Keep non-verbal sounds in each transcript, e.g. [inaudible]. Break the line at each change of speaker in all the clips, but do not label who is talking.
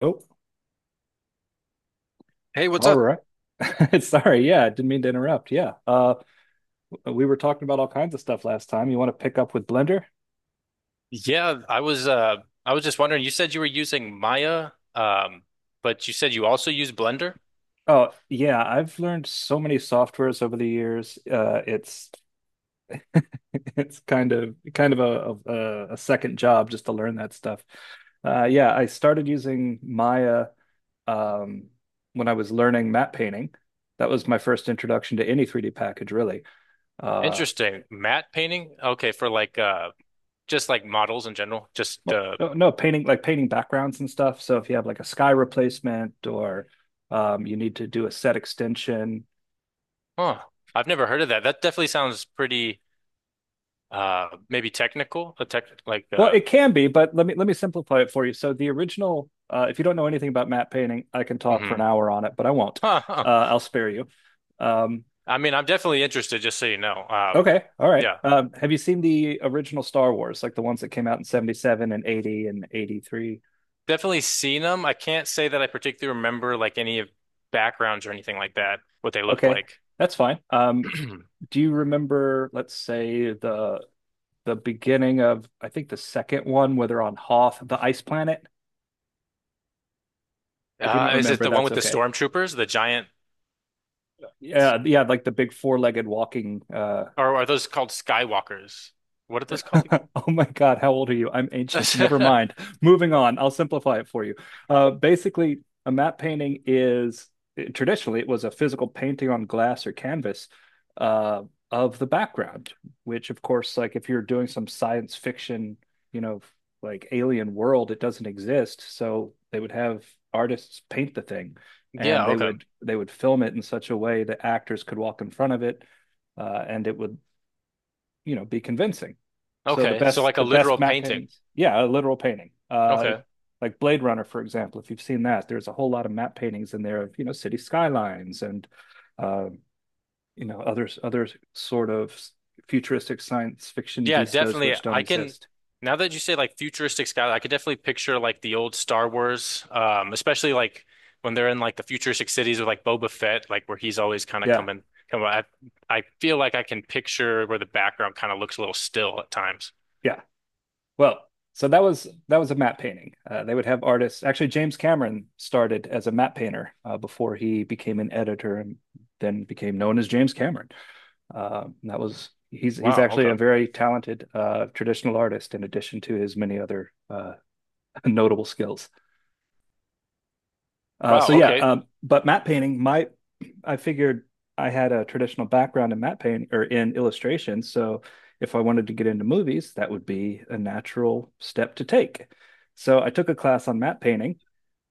Oh,
Hey, what's
all
up?
right. [laughs] Sorry, yeah, I didn't mean to interrupt. Yeah. We were talking about all kinds of stuff last time. You want to pick up with Blender?
Yeah, I was uh I was just wondering, you said you were using Maya, but you said you also use Blender?
Oh, yeah, I've learned so many softwares over the years. It's [laughs] it's kind of a second job just to learn that stuff. Yeah, I started using Maya um when I was learning matte painting. That was my first introduction to any 3D package, really. Uh
Interesting. Matte painting? Okay, for just like models in general. Just
Well,
uh
no, no, painting like painting backgrounds and stuff. So if you have like a sky replacement or you need to do a set extension,
Huh. I've never heard of that. That definitely sounds pretty maybe technical, a tech like
well,
uh
it can be, but let me simplify it for you. So the original, if you don't know anything about matte painting, I can talk for an
hmm
hour on it, but I won't.
[laughs] Huh, huh.
I'll spare you. Um,
I mean, I'm definitely interested, just so you know.
okay, all right.
Yeah.
Have you seen the original Star Wars, like the ones that came out in 77 and 80 and 83?
Definitely seen them. I can't say that I particularly remember like any of backgrounds or anything like that, what they looked
Okay,
like.
that's fine.
[clears throat]
Do you remember, let's say, the beginning of I think the second one where they're on Hoth, the ice planet. If you don't
Is it
remember,
the one
that's
with the
okay.
stormtroopers, the giant,
Yeah, yeah, like the big four-legged walking
or are those called Skywalkers? What are those called again?
[laughs] oh my God, how old are you? I'm ancient. Never
[laughs]
mind. Moving on. I'll simplify it for you. Basically, a matte painting is traditionally it was a physical painting on glass or canvas uh, of the background, which of course, like if you're doing some science fiction, you know, like alien world, it doesn't exist. So they would have artists paint the thing, and
Yeah,
they
okay.
would they would film it in such a way that actors could walk in front of it, and it would be convincing. So the
Okay. So
best
like a
the best
literal
matte
painting.
paintings, yeah, a literal painting.
Okay.
Like Blade Runner, for example, if you've seen that, there's a whole lot of matte paintings in there of city skylines and uh, other sort of futuristic science fiction
Yeah,
vistas
definitely.
which don't
I can
exist.
Now that you say like futuristic sky, I could definitely picture like the old Star Wars, especially like when they're in like the futuristic cities with like Boba Fett, like where he's always kind of
Yeah,
coming come I feel like I can picture where the background kind of looks a little still at times.
yeah. Well, so that was a matte painting. They would have artists. Actually, James Cameron started as a matte painter before he became an editor and then became known as James Cameron. That was he's
Wow,
actually a
okay.
very talented traditional artist in addition to his many other [laughs] notable skills. So
Wow,
yeah,
okay.
but matte painting, my I figured I had a traditional background in matte painting or in illustration, so if I wanted to get into movies, that would be a natural step to take. So I took a class on matte painting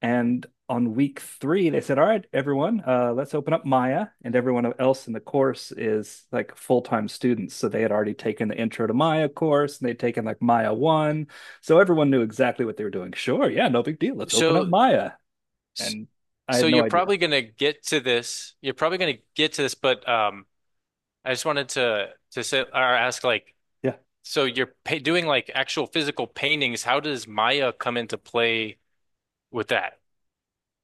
and on week 3, they said, "All right, everyone, let's open up Maya." And everyone else in the course is like full time students, so they had already taken the Intro to Maya course, and they'd taken like Maya one, so everyone knew exactly what they were doing. Sure, yeah, no big deal. Let's open up
So
Maya, and I
So
had no
you're
idea.
probably gonna get to this. You're probably gonna get to this, but I just wanted to say or ask like,
Yeah,
so you're pa doing like actual physical paintings. How does Maya come into play with that?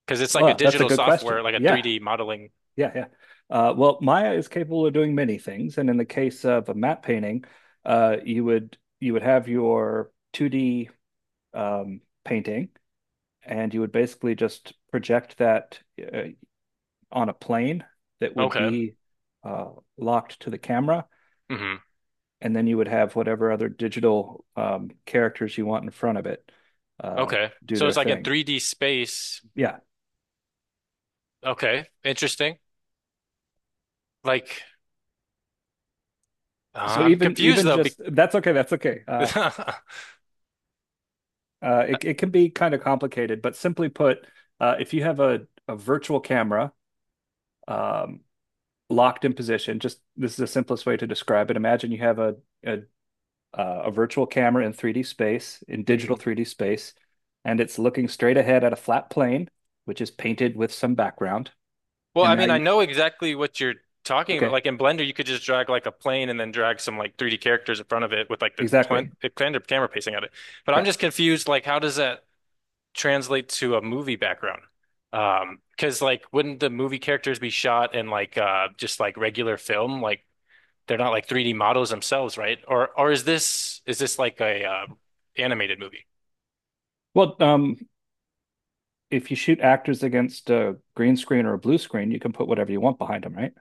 Because it's like a
well, that's a
digital
good question.
software, like a
Yeah,
3D modeling.
yeah, yeah. Well, Maya is capable of doing many things, and in the case of a matte painting, you would have your 2D painting and you would basically just project that uh, on a plane that would
Okay.
be uh, locked to the camera,
Hmm.
and then you would have whatever other digital characters you want in front of it uh,
Okay.
do
So
their
it's like in
thing.
3D space.
Yeah.
Okay. Interesting. Like,
So
I'm
even
confused
even
though. Be
just that's okay. That's okay.
[laughs]
It
Mhm.
it can be kind of complicated, but simply put, if you have a virtual camera um, locked in position, just this is the simplest way to describe it. Imagine you have a a virtual camera in 3D space, in digital 3D space, and it's looking straight ahead at a flat plane, which is painted with some background.
Well,
And
I
now
mean, I
you,
know exactly what you're talking about.
okay,
Like in Blender, you could just drag like a plane and then drag some like 3D characters in front of it with like the plan
exactly.
the Blender camera pacing at it. But I'm
Yeah.
just confused. Like, how does that translate to a movie background? Because like, wouldn't the movie characters be shot in just like regular film? Like, they're not like 3D models themselves, right? Or is this Is this like a animated movie?
Well, if you shoot actors against a green screen or a blue screen, you can put whatever you want behind them, right?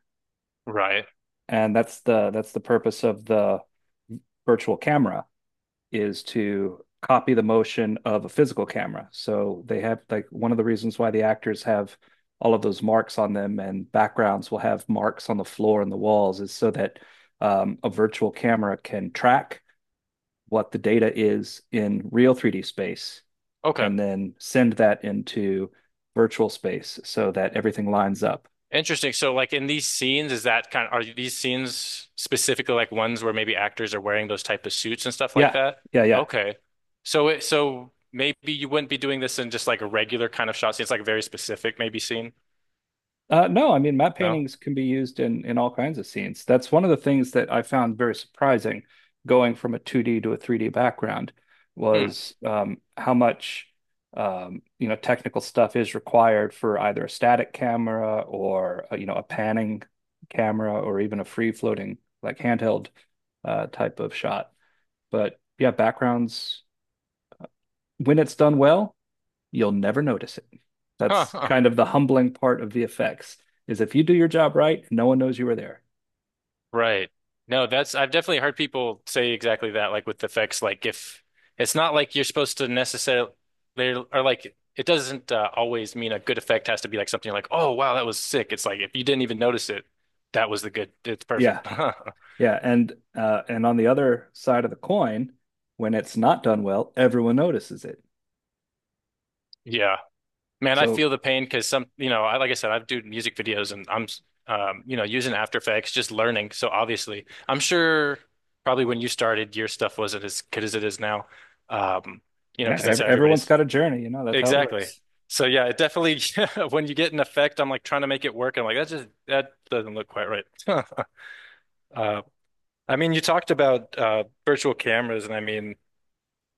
Right.
And that's the purpose of the virtual camera. Is to copy the motion of a physical camera. So they have like one of the reasons why the actors have all of those marks on them and backgrounds will have marks on the floor and the walls is so that a virtual camera can track what the data is in real 3D space
Okay.
and then send that into virtual space so that everything lines up.
Interesting. So, like in these scenes, is that kind of, are these scenes specifically like ones where maybe actors are wearing those type of suits and stuff like
Yeah,
that?
yeah, yeah.
Okay. So it, so maybe you wouldn't be doing this in just like a regular kind of shot scene. It's like a very specific maybe scene. Uh,
No, I mean matte
No?
paintings can be used in all kinds of scenes. That's one of the things that I found very surprising, going from a 2D to a 3D background,
Hmm.
was how much technical stuff is required for either a static camera or a panning camera or even a free floating like handheld type of shot. But yeah, backgrounds when it's done well you'll never notice it. That's
Huh.
kind of the humbling part of VFX is if you do your job right, no one knows you were there.
Right. No, that's I've definitely heard people say exactly that, like with effects, like if it's not like you're supposed to necessarily they are like it doesn't always mean a good effect has to be like something like, oh wow, that was sick. It's like if you didn't even notice it, that was the good. It's
Yeah,
perfect. [laughs]
yeah, and on the other side of the coin, when it's not done well, everyone notices it.
Yeah. Man, I
So
feel the pain because some, you know, I like I said, I've do music videos and I'm you know, using After Effects, just learning. So obviously, I'm sure probably when you started, your stuff wasn't as good as it is now. Um, you know,
yeah,
because that's how
everyone's
everybody's
got a journey, that's how it
Exactly.
works.
So yeah, it definitely [laughs] when you get an effect, I'm like trying to make it work. I'm like, that just that doesn't look quite right. [laughs] Uh, I mean, you talked about virtual cameras, and I mean,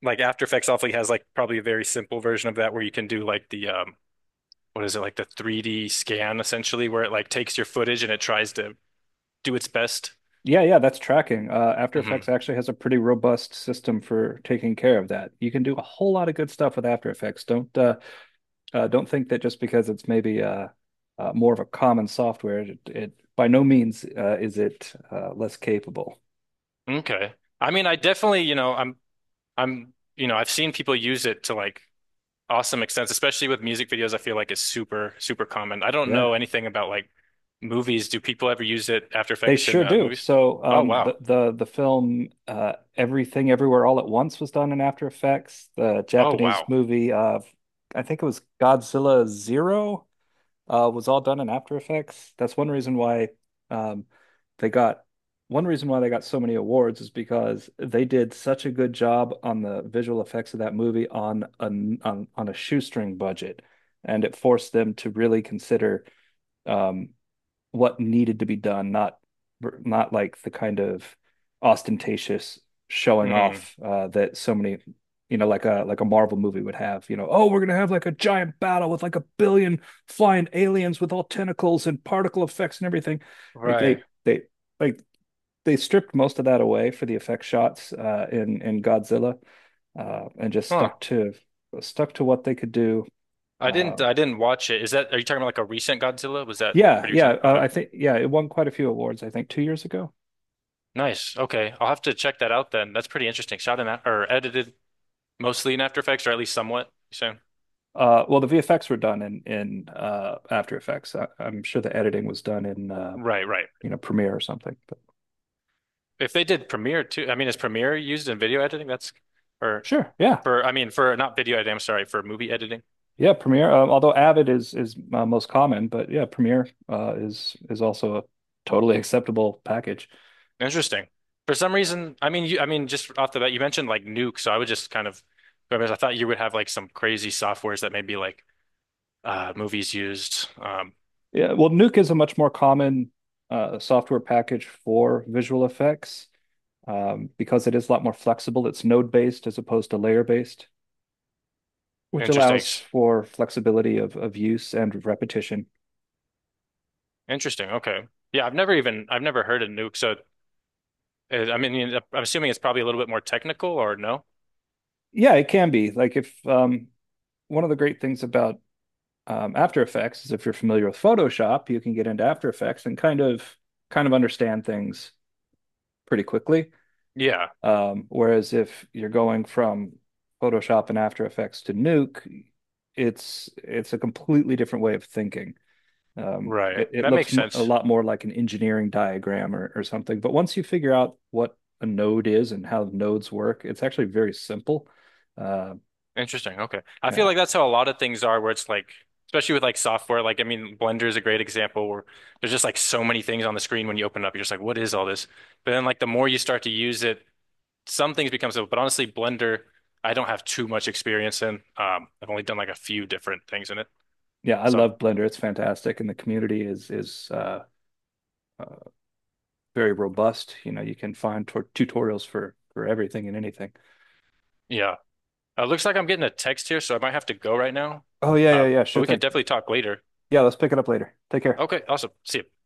like After Effects awfully has like probably a very simple version of that where you can do like the what is it like the 3D scan essentially, where it like takes your footage and it tries to do its best.
Yeah, that's tracking. After Effects
Hmm.
actually has a pretty robust system for taking care of that. You can do a whole lot of good stuff with After Effects. Don't think that just because it's maybe more of a common software, it by no means is it less capable.
Okay. I mean, I definitely, you know, I'm you know, I've seen people use it to like awesome extent, especially with music videos, I feel like it's super, super common. I don't
Yeah,
know anything about like movies. Do people ever use it After
they
Effects in
sure do.
movies?
So
Oh wow.
the film Everything Everywhere All at Once was done in After Effects. The
Oh
Japanese
wow.
movie, I think it was Godzilla Zero was all done in After Effects. That's one reason why um, they got one reason why they got so many awards is because they did such a good job on the visual effects of that movie on on a shoestring budget, and it forced them to really consider um, what needed to be done, not not like the kind of ostentatious showing
Hmm.
off that so many like a Marvel movie would have. You know, oh, we're gonna have like a giant battle with like a billion flying aliens with all tentacles and particle effects and everything. Like
Right.
like they stripped most of that away for the effect shots in Godzilla, and just
Huh.
stuck to what they could do.
I
Uh,
didn't I didn't watch it. Is that are you talking about like a recent Godzilla? Was that pretty
yeah,
recent? Okay.
I think yeah, it won quite a few awards. I think 2 years ago.
Nice. Okay. I'll have to check that out then. That's pretty interesting. Shot in that or edited mostly in After Effects or at least somewhat. So
Well, the VFX were done in After Effects. I'm sure the editing was done in
right, right.
Premiere or something. But
If they did Premiere too, I mean, is Premiere used in video editing? That's or
sure, yeah,
For I mean for not video editing, I'm sorry, for movie editing.
yeah, Premiere. Although Avid is most common, but yeah, Premiere is also a totally acceptable package.
Interesting. For some reason, I mean, just off the bat, you mentioned like Nuke, so I would just kind of, I mean, I thought you would have like some crazy softwares that maybe like movies used.
Yeah, well, Nuke is a much more common software package for visual effects because it is a lot more flexible. It's node based as opposed to layer based, which
Interesting,
allows for flexibility of use and repetition.
interesting. Okay, yeah, I've never heard of Nuke, so I mean, I'm assuming it's probably a little bit more technical, or no?
Yeah, it can be. Like if one of the great things about After Effects is if you're familiar with Photoshop, you can get into After Effects and kind of understand things pretty quickly.
Yeah,
Whereas if you're going from Photoshop and After Effects to Nuke, it's a completely different way of thinking.
right.
It
That
looks
makes
m a
sense.
lot more like an engineering diagram or something. But once you figure out what a node is and how nodes work, it's actually very simple. Uh,
Interesting. Okay. I feel
yeah.
like that's how a lot of things are where it's like, especially with like software, like, I mean, Blender is a great example where there's just like so many things on the screen when you open it up. You're just like, what is all this? But then like the more you start to use it, some things become simple. But honestly, Blender, I don't have too much experience in. I've only done like a few different things in it.
Yeah, I
So I'm-
love Blender. It's fantastic, and the community is uh, very robust. You know, you can find tutorials for everything and anything.
yeah, looks like I'm getting a text here, so I might have to go right now.
Oh yeah, yeah,
Uh,
yeah.
but
Sure
we could
thing.
definitely talk later.
Yeah, let's pick it up later. Take care.
Okay. Awesome. See ya.